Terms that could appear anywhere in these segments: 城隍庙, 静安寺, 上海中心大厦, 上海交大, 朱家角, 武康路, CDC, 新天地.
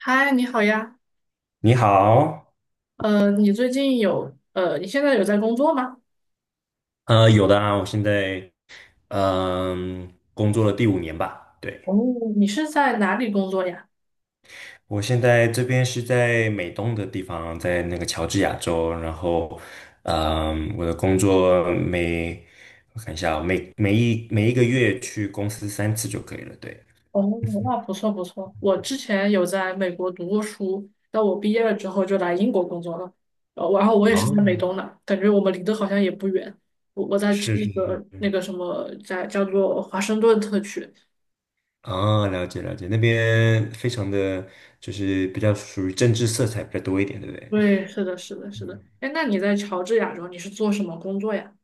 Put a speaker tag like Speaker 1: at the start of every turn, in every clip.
Speaker 1: 嗨，你好呀。
Speaker 2: 你好。
Speaker 1: 你现在有在工作吗？
Speaker 2: 有的啊。我现在工作了第五年吧，对。
Speaker 1: 哦，你是在哪里工作呀？
Speaker 2: 我现在这边是在美东的地方，在那个乔治亚州，然后我的工作我看一下啊，每一个月去公司三次就可以了，对。
Speaker 1: 哦，那不错不错。我之前有在美国读过书，但我毕业了之后就来英国工作了。然后我也是在美
Speaker 2: 哦。
Speaker 1: 东的，感觉我们离得好像也不远。我在
Speaker 2: 是
Speaker 1: 那
Speaker 2: 是
Speaker 1: 个
Speaker 2: 是。
Speaker 1: 那个什么，在叫做华盛顿特区。
Speaker 2: 哦，了解了解。那边非常的就是比较属于政治色彩比较多一点，对不对？
Speaker 1: 对，是的，是的，是的。哎，那你在乔治亚州，你是做什么工作呀？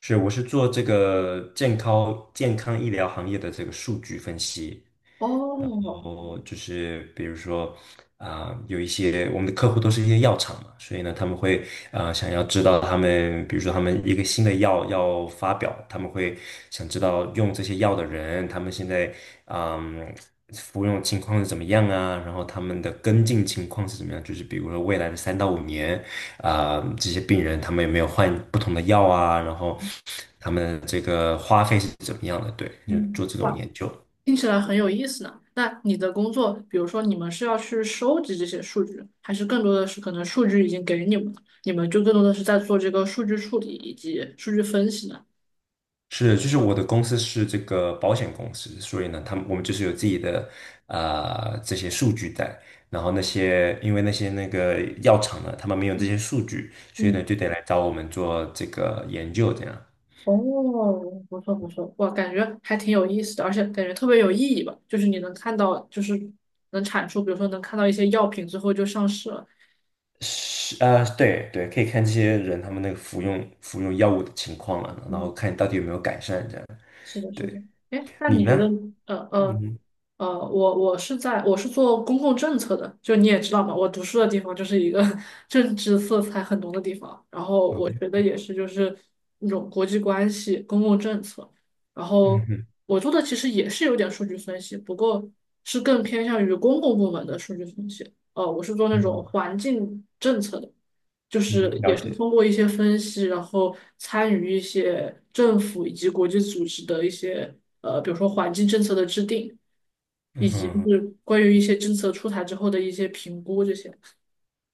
Speaker 2: 是，我是做这个健康医疗行业的这个数据分析。
Speaker 1: 哦，
Speaker 2: 后就是比如说有一些我们的客户都是一些药厂嘛，所以呢，他们会想要知道他们，比如说他们一个新的药要发表，他们会想知道用这些药的人，他们现在嗯、服用情况是怎么样啊，然后他们的跟进情况是怎么样，就是比如说未来的三到五年这些病人他们有没有换不同的药啊，然后他们这个花费是怎么样的，对，就
Speaker 1: 嗯。
Speaker 2: 做这种
Speaker 1: 哇。
Speaker 2: 研究。
Speaker 1: 听起来很有意思呢。那你的工作，比如说你们是要去收集这些数据，还是更多的是可能数据已经给你们了，你们就更多的是在做这个数据处理以及数据分析呢？
Speaker 2: 是，就是我的公司是这个保险公司，所以呢，我们就是有自己的啊这些数据在，然后因为那个药厂呢，他们没有这些数据，所以呢
Speaker 1: 嗯，
Speaker 2: 就得来找我们做这个研究，这样。
Speaker 1: 哦，不错不错，哇，感觉还挺有意思的，而且感觉特别有意义吧。就是你能看到，就是能产出，比如说能看到一些药品最后就上市了。
Speaker 2: 是啊，对对，可以看这些人他们那个服用药物的情况了，然后
Speaker 1: 嗯。
Speaker 2: 看到底有没有改善这样。
Speaker 1: 是的，是的。
Speaker 2: 对。
Speaker 1: 哎，那
Speaker 2: 你
Speaker 1: 你觉得，
Speaker 2: 呢？
Speaker 1: 呃
Speaker 2: 嗯
Speaker 1: 呃
Speaker 2: 哼。
Speaker 1: 我是做公共政策的，就你也知道嘛，我读书的地方就是一个 政治色彩很浓的地方，然后我觉得也是就是那种国际关系、公共政策，然
Speaker 2: 嗯哼。嗯
Speaker 1: 后
Speaker 2: 哼。
Speaker 1: 我做的其实也是有点数据分析，不过是更偏向于公共部门的数据分析。我是做那
Speaker 2: 嗯
Speaker 1: 种
Speaker 2: 哼。
Speaker 1: 环境政策的，就
Speaker 2: 嗯
Speaker 1: 是
Speaker 2: 哼了
Speaker 1: 也是
Speaker 2: 解。
Speaker 1: 通过一些分析，然后参与一些政府以及国际组织的一些比如说环境政策的制定，
Speaker 2: 嗯
Speaker 1: 以及就
Speaker 2: 哼。
Speaker 1: 是关于一些政策出台之后的一些评估这些。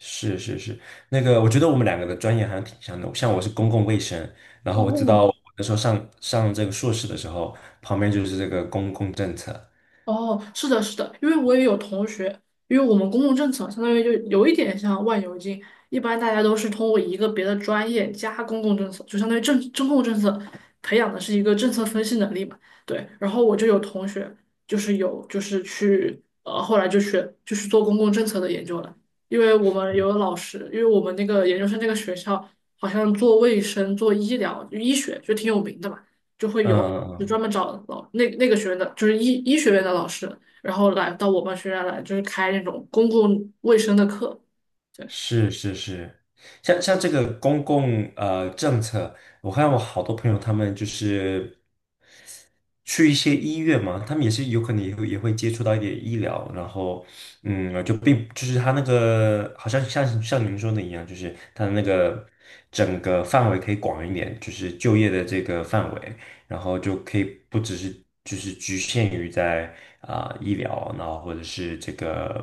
Speaker 2: 是是是。那个我觉得我们两个的专业好像挺像的，像我是公共卫生，然后我知道
Speaker 1: 哦，
Speaker 2: 我那时候上这个硕士的时候，旁边就是这个公共政策。
Speaker 1: 哦，是的，是的，因为我也有同学，因为我们公共政策相当于就有一点像万油精，一般大家都是通过一个别的专业加公共政策，就相当于政中共政策培养的是一个政策分析能力嘛。对，然后我就有同学就是有就是去后来就学就是做公共政策的研究了，因为我们有老师，因为我们那个研究生那个学校好像做卫生、做医疗、医学就挺有名的嘛。就会有就
Speaker 2: 嗯。
Speaker 1: 专门找那个学院的，就是医学院的老师，然后来到我们学院来，就是开那种公共卫生的课。对。
Speaker 2: 是是是。像这个公共政策，我看我好多朋友他们就是去一些医院嘛，他们也是有可能也会接触到一点医疗，然后就是他那个好像像您说的一样，就是他的那个整个范围可以广一点，就是就业的这个范围，然后就可以不只是就是局限于在医疗，然后或者是这个。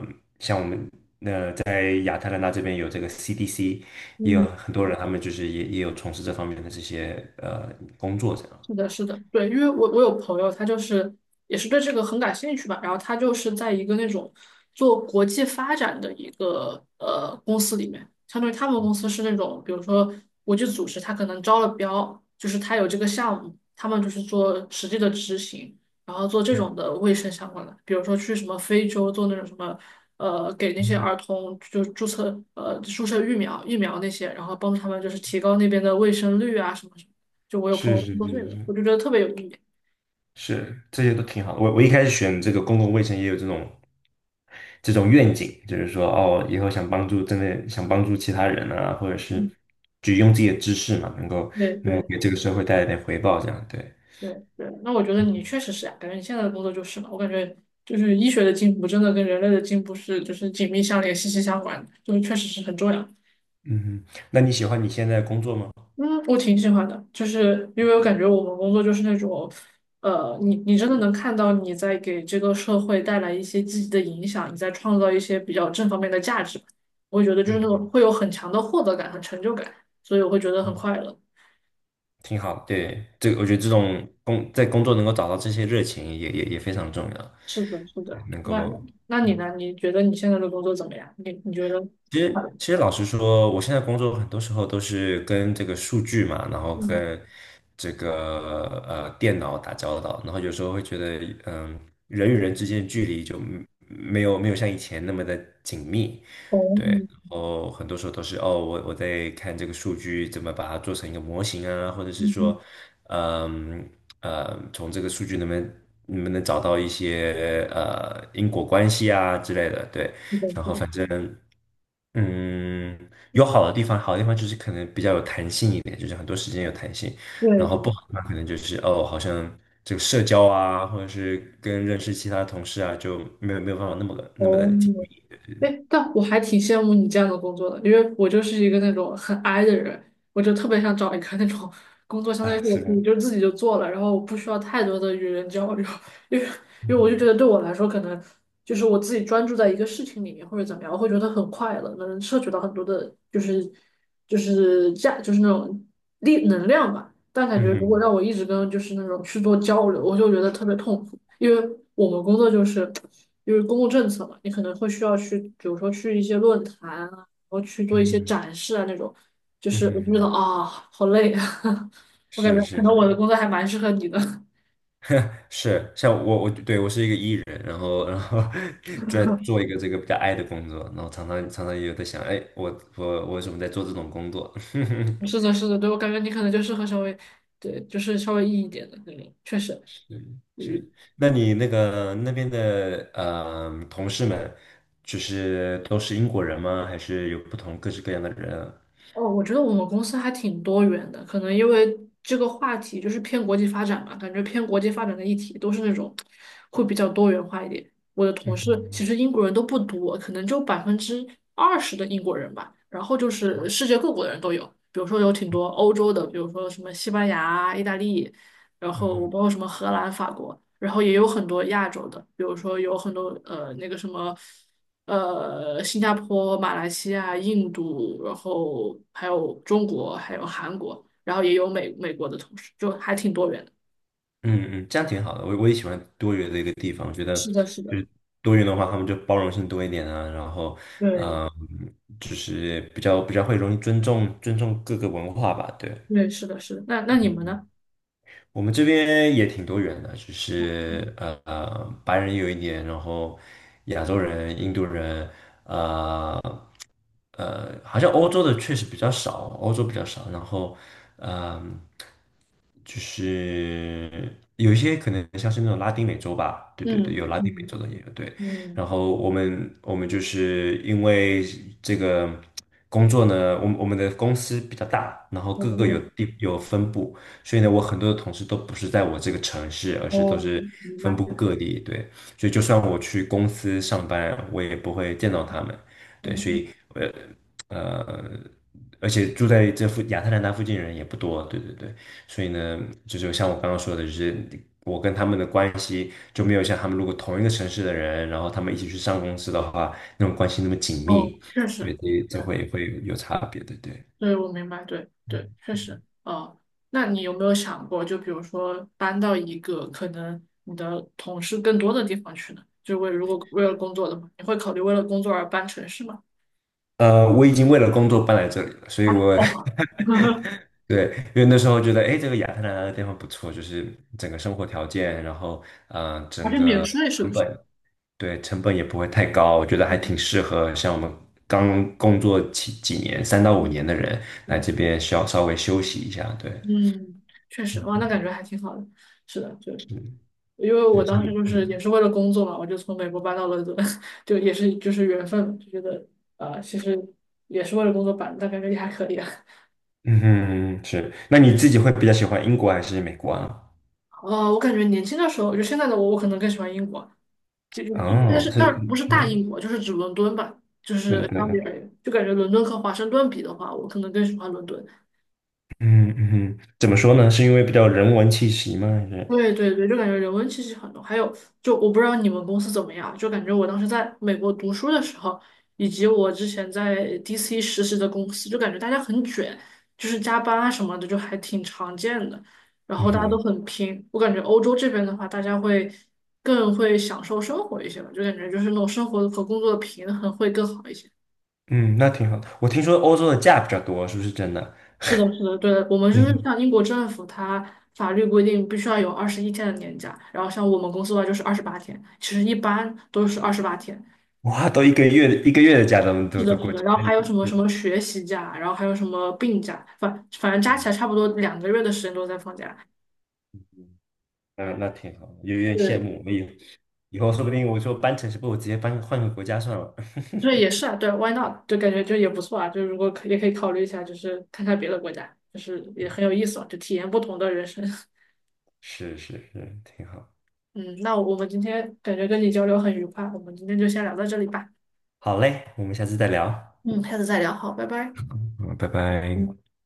Speaker 2: 在亚特兰大这边有这个 CDC,也有
Speaker 1: 嗯。
Speaker 2: 很多人，他们就是也有从事这方面的这些工作，这样。
Speaker 1: 是的，是的，对，因为我有朋友，他就是也是对这个很感兴趣吧，然后他就是在一个那种做国际发展的一个公司里面，相当于他们公司是那种，比如说国际组织，他可能招了标，就是他有这个项目，他们就是做实际的执行，然后做这种的卫生相关的，比如说去什么非洲做那种什么给那些
Speaker 2: 嗯。
Speaker 1: 儿童就是注射疫苗那些，然后帮助他们就是提高那边的卫生率啊什么什么。就我有朋
Speaker 2: 是
Speaker 1: 友工
Speaker 2: 是
Speaker 1: 作岁
Speaker 2: 是
Speaker 1: 的，
Speaker 2: 是。
Speaker 1: 我就觉得特别有意义。
Speaker 2: 是这些都挺好的。我一开始选这个公共卫生也有这种愿景，就是说哦，以后想帮助真的想帮助其他人啊，或者是
Speaker 1: 嗯
Speaker 2: 就用自己的知识嘛，能够
Speaker 1: 对
Speaker 2: 能够
Speaker 1: 对
Speaker 2: 给这个社会带来点回报，这样对。
Speaker 1: 对对，那我觉得你确实是啊，感觉你现在的工作就是嘛，我感觉就是医学的进步真的跟人类的进步是就是紧密相连、息息相关的就是确实是很重要。
Speaker 2: 嗯哼。那你喜欢你现在的工作吗？
Speaker 1: 嗯，我挺喜欢的，就是因为我感觉我们工作就是那种，你真的能看到你在给这个社会带来一些积极的影响，你在创造一些比较正方面的价值吧，我会觉得就是那
Speaker 2: 嗯。
Speaker 1: 种会有很强的获得感和成就感，所以我会觉得很快乐。
Speaker 2: 挺好，对，这个我觉得这种工作能够找到这些热情也非常重要，
Speaker 1: 是的，是的。
Speaker 2: 能
Speaker 1: 那
Speaker 2: 够
Speaker 1: 那你呢？你觉得你现在的工作怎么样？你觉得？
Speaker 2: 其实老实说，我现在工作很多时候都是跟这个数据嘛，然后
Speaker 1: 嗯，
Speaker 2: 跟这个电脑打交道，然后有时候会觉得嗯、人与人之间的距离就没有像以前那么的紧密，
Speaker 1: 哦，
Speaker 2: 对。然后很多时候都是哦，我在看这个数据怎么把它做成一个模型啊，或者是
Speaker 1: 嗯，
Speaker 2: 说，嗯从这个数据能不能找到一些因果关系啊之类的，对。
Speaker 1: 是的，
Speaker 2: 然
Speaker 1: 是
Speaker 2: 后
Speaker 1: 的，
Speaker 2: 反正嗯，有好的地方，好的地方就是可能比较有弹性一点，就是很多时间有弹性，
Speaker 1: 对
Speaker 2: 然后不
Speaker 1: 对，
Speaker 2: 好的话，可能就是哦，好像这个社交啊，或者是跟认识其他同事啊，就没有办法那么的
Speaker 1: 哦，
Speaker 2: 紧密。
Speaker 1: 哎，但我还挺羡慕你这样的工作的，因为我就是一个那种很 i 的人，我就特别想找一个那种工作，相当于
Speaker 2: 啊，
Speaker 1: 是我
Speaker 2: 是
Speaker 1: 可
Speaker 2: 的。
Speaker 1: 以就自己就做了，然后我不需要太多的与人交流，因为因为我就觉
Speaker 2: 嗯。
Speaker 1: 得对我来说，可能就是我自己专注在一个事情里面或者怎么样，我会觉得很快乐，能摄取到很多的，就是就是价，就是那种力能量吧。但感觉
Speaker 2: 嗯
Speaker 1: 如果
Speaker 2: 哼。
Speaker 1: 让我一直跟就是那种去做交流，我就觉得特别痛苦，因为我们工作就是公共政策嘛，你可能会需要去，比如说去一些论坛啊，然后去做
Speaker 2: 嗯
Speaker 1: 一些
Speaker 2: 哼。
Speaker 1: 展示啊那种，就
Speaker 2: 嗯
Speaker 1: 是我就觉得
Speaker 2: 哼。
Speaker 1: 啊，好累啊，我感
Speaker 2: 是
Speaker 1: 觉可
Speaker 2: 是
Speaker 1: 能我的
Speaker 2: 是
Speaker 1: 工作还蛮适合你的。
Speaker 2: 是，像我我是一个 E 人，然后 在做一个这个比较 I 的工作，然后常常也有在想，哎，我为什么在做这种工作？
Speaker 1: 是的，是的，对，我感觉你可能就适合稍微，对，就是稍微硬一点的那种，确实，
Speaker 2: 是是。那你那个那边的同事们，就是都是英国人吗？还是有不同各式各样的人啊？
Speaker 1: 哦，我觉得我们公司还挺多元的，可能因为这个话题就是偏国际发展嘛，感觉偏国际发展的议题都是那种会比较多元化一点。我的同事其
Speaker 2: 嗯
Speaker 1: 实英国人都不多，可能就20%的英国人吧，然后就是世界各国的人都有，比如说有挺多欧洲的，比如说什么西班牙、意大利，然后我包括什么荷兰、法国，然后也有很多亚洲的，比如说有很多那个什么。新加坡、马来西亚、印度，然后还有中国，还有韩国，然后也有美国的同事，就还挺多元的。
Speaker 2: 嗯嗯，这样挺好的。我也喜欢多元的一个地方，我觉得
Speaker 1: 是的，是的，
Speaker 2: 就是多元的话，他们就包容性多一点啊，然后
Speaker 1: 对
Speaker 2: 嗯，就是比较会容易尊重各个文化吧。对，
Speaker 1: 对，是的，是的。那你们呢？
Speaker 2: 我们这边也挺多元的，就是白人有一点，然后亚洲人、印度人。呃好像欧洲的确实比较少，欧洲比较少。然后，嗯、就是有一些可能像是那种拉丁美洲吧，对对对，
Speaker 1: 嗯
Speaker 2: 有拉丁美洲
Speaker 1: 嗯
Speaker 2: 的也有对。
Speaker 1: 嗯，
Speaker 2: 然后我们就是因为这个工作呢，我们的公司比较大，然后
Speaker 1: 我
Speaker 2: 各
Speaker 1: 们
Speaker 2: 个
Speaker 1: 也
Speaker 2: 有地有分部，所以呢，我
Speaker 1: 嗯
Speaker 2: 很多的同事都不是在我这个城市，而是都
Speaker 1: 哦，
Speaker 2: 是
Speaker 1: 明
Speaker 2: 分
Speaker 1: 白，
Speaker 2: 布
Speaker 1: 对，
Speaker 2: 各地。对，所以就算我去公司上班，我也不会见到他们。对，所
Speaker 1: 嗯
Speaker 2: 以呃，而且住在亚特兰大附近的人也不多，对对对。所以呢，就是像我刚刚说的，就是我跟他们的关系就没有像他们如果同一个城市的人，然后他们一起去上公司的话，那种关系那么紧
Speaker 1: 哦，
Speaker 2: 密，
Speaker 1: 确实。
Speaker 2: 对，这
Speaker 1: 对。
Speaker 2: 这会有差别，对对。
Speaker 1: 对，我明白，对对，确实，哦，那你有没有想过，就比如说搬到一个可能你的同事更多的地方去呢？就为如果为了工作的话，你会考虑为了工作而搬城市吗？
Speaker 2: 我已经为了工作搬来这里了，所以我
Speaker 1: 哦，
Speaker 2: 对。因为那时候觉得，哎，这个亚特兰大的地方不错，就是整个生活条件，然后，
Speaker 1: 而
Speaker 2: 整
Speaker 1: 且免
Speaker 2: 个
Speaker 1: 税是
Speaker 2: 成
Speaker 1: 不是？
Speaker 2: 本。对，成本也不会太高，我觉得还
Speaker 1: 嗯
Speaker 2: 挺适合像我们刚工作几年，三到五
Speaker 1: 嗯，
Speaker 2: 年的人
Speaker 1: 是
Speaker 2: 来这
Speaker 1: 的
Speaker 2: 边稍微休息一下。对。
Speaker 1: 嗯，确实，哇，
Speaker 2: 嗯。
Speaker 1: 那感觉还挺好的。是的，就
Speaker 2: 是
Speaker 1: 因为
Speaker 2: 是
Speaker 1: 我
Speaker 2: 是
Speaker 1: 当
Speaker 2: 的。
Speaker 1: 时就是也是为了工作嘛，我就从美国搬到了伦敦，就也是就是缘分，就觉得其实也是为了工作搬的但感觉也还可以啊。
Speaker 2: 嗯。嗯哼。是。那你自己会比较喜欢英国还是美国啊？
Speaker 1: 我感觉年轻的时候，就现在的我，我可能更喜欢英国，就就就，但
Speaker 2: 哦，
Speaker 1: 是
Speaker 2: 是。
Speaker 1: 但不是大
Speaker 2: 嗯。
Speaker 1: 英国，就是指伦敦吧，就是相比而
Speaker 2: 嗯。
Speaker 1: 言，就感觉伦敦和华盛顿比的话，我可能更喜欢伦敦。
Speaker 2: 嗯。嗯哼。怎么说呢？是因为比较人文气息吗？还是？
Speaker 1: 对对对，就感觉人文气息很浓。还有，就我不知道你们公司怎么样，就感觉我当时在美国读书的时候，以及我之前在 DC 实习的公司，就感觉大家很卷，就是加班啊什么的，就还挺常见的。然
Speaker 2: 嗯
Speaker 1: 后大家都
Speaker 2: 哼。
Speaker 1: 很拼，我感觉欧洲这边的话，大家会更会享受生活一些吧，就感觉就是那种生活和工作的平衡会更好一些。
Speaker 2: 嗯，那挺好的。我听说欧洲的假比较多，是不是真的？
Speaker 1: 是的，是的，对的我们就是
Speaker 2: 嗯。
Speaker 1: 像英国政府，它法律规定必须要有21天的年假，然后像我们公司的话就是二十八天，其实一般都是二十八天。
Speaker 2: 哇，都一个月一个月的假都
Speaker 1: 是
Speaker 2: 都
Speaker 1: 的，
Speaker 2: 都
Speaker 1: 是
Speaker 2: 过去
Speaker 1: 的，
Speaker 2: 了，
Speaker 1: 然后
Speaker 2: 那
Speaker 1: 还有什
Speaker 2: 你
Speaker 1: 么什
Speaker 2: 就。
Speaker 1: 么学习假，然后还有什么病假，反正加起来差不多2个月的时间都在放假。
Speaker 2: 嗯，那挺好的，有点羡
Speaker 1: 对，
Speaker 2: 慕。我以后说不定我说搬城市，不如直接搬换个国家算了。
Speaker 1: 对，也是啊，对，why not？就感觉就也不错啊，就如果也可以考虑一下，就是看看别的国家，就是也
Speaker 2: 嗯，
Speaker 1: 很有意思嘛，就体验不同的人生。
Speaker 2: 是是是，挺好。
Speaker 1: 嗯，那我们今天感觉跟你交流很愉快，我们今天就先聊到这里吧。
Speaker 2: 好嘞，我们下次再聊。
Speaker 1: 嗯，下次再聊，好，拜拜。
Speaker 2: 嗯，拜拜。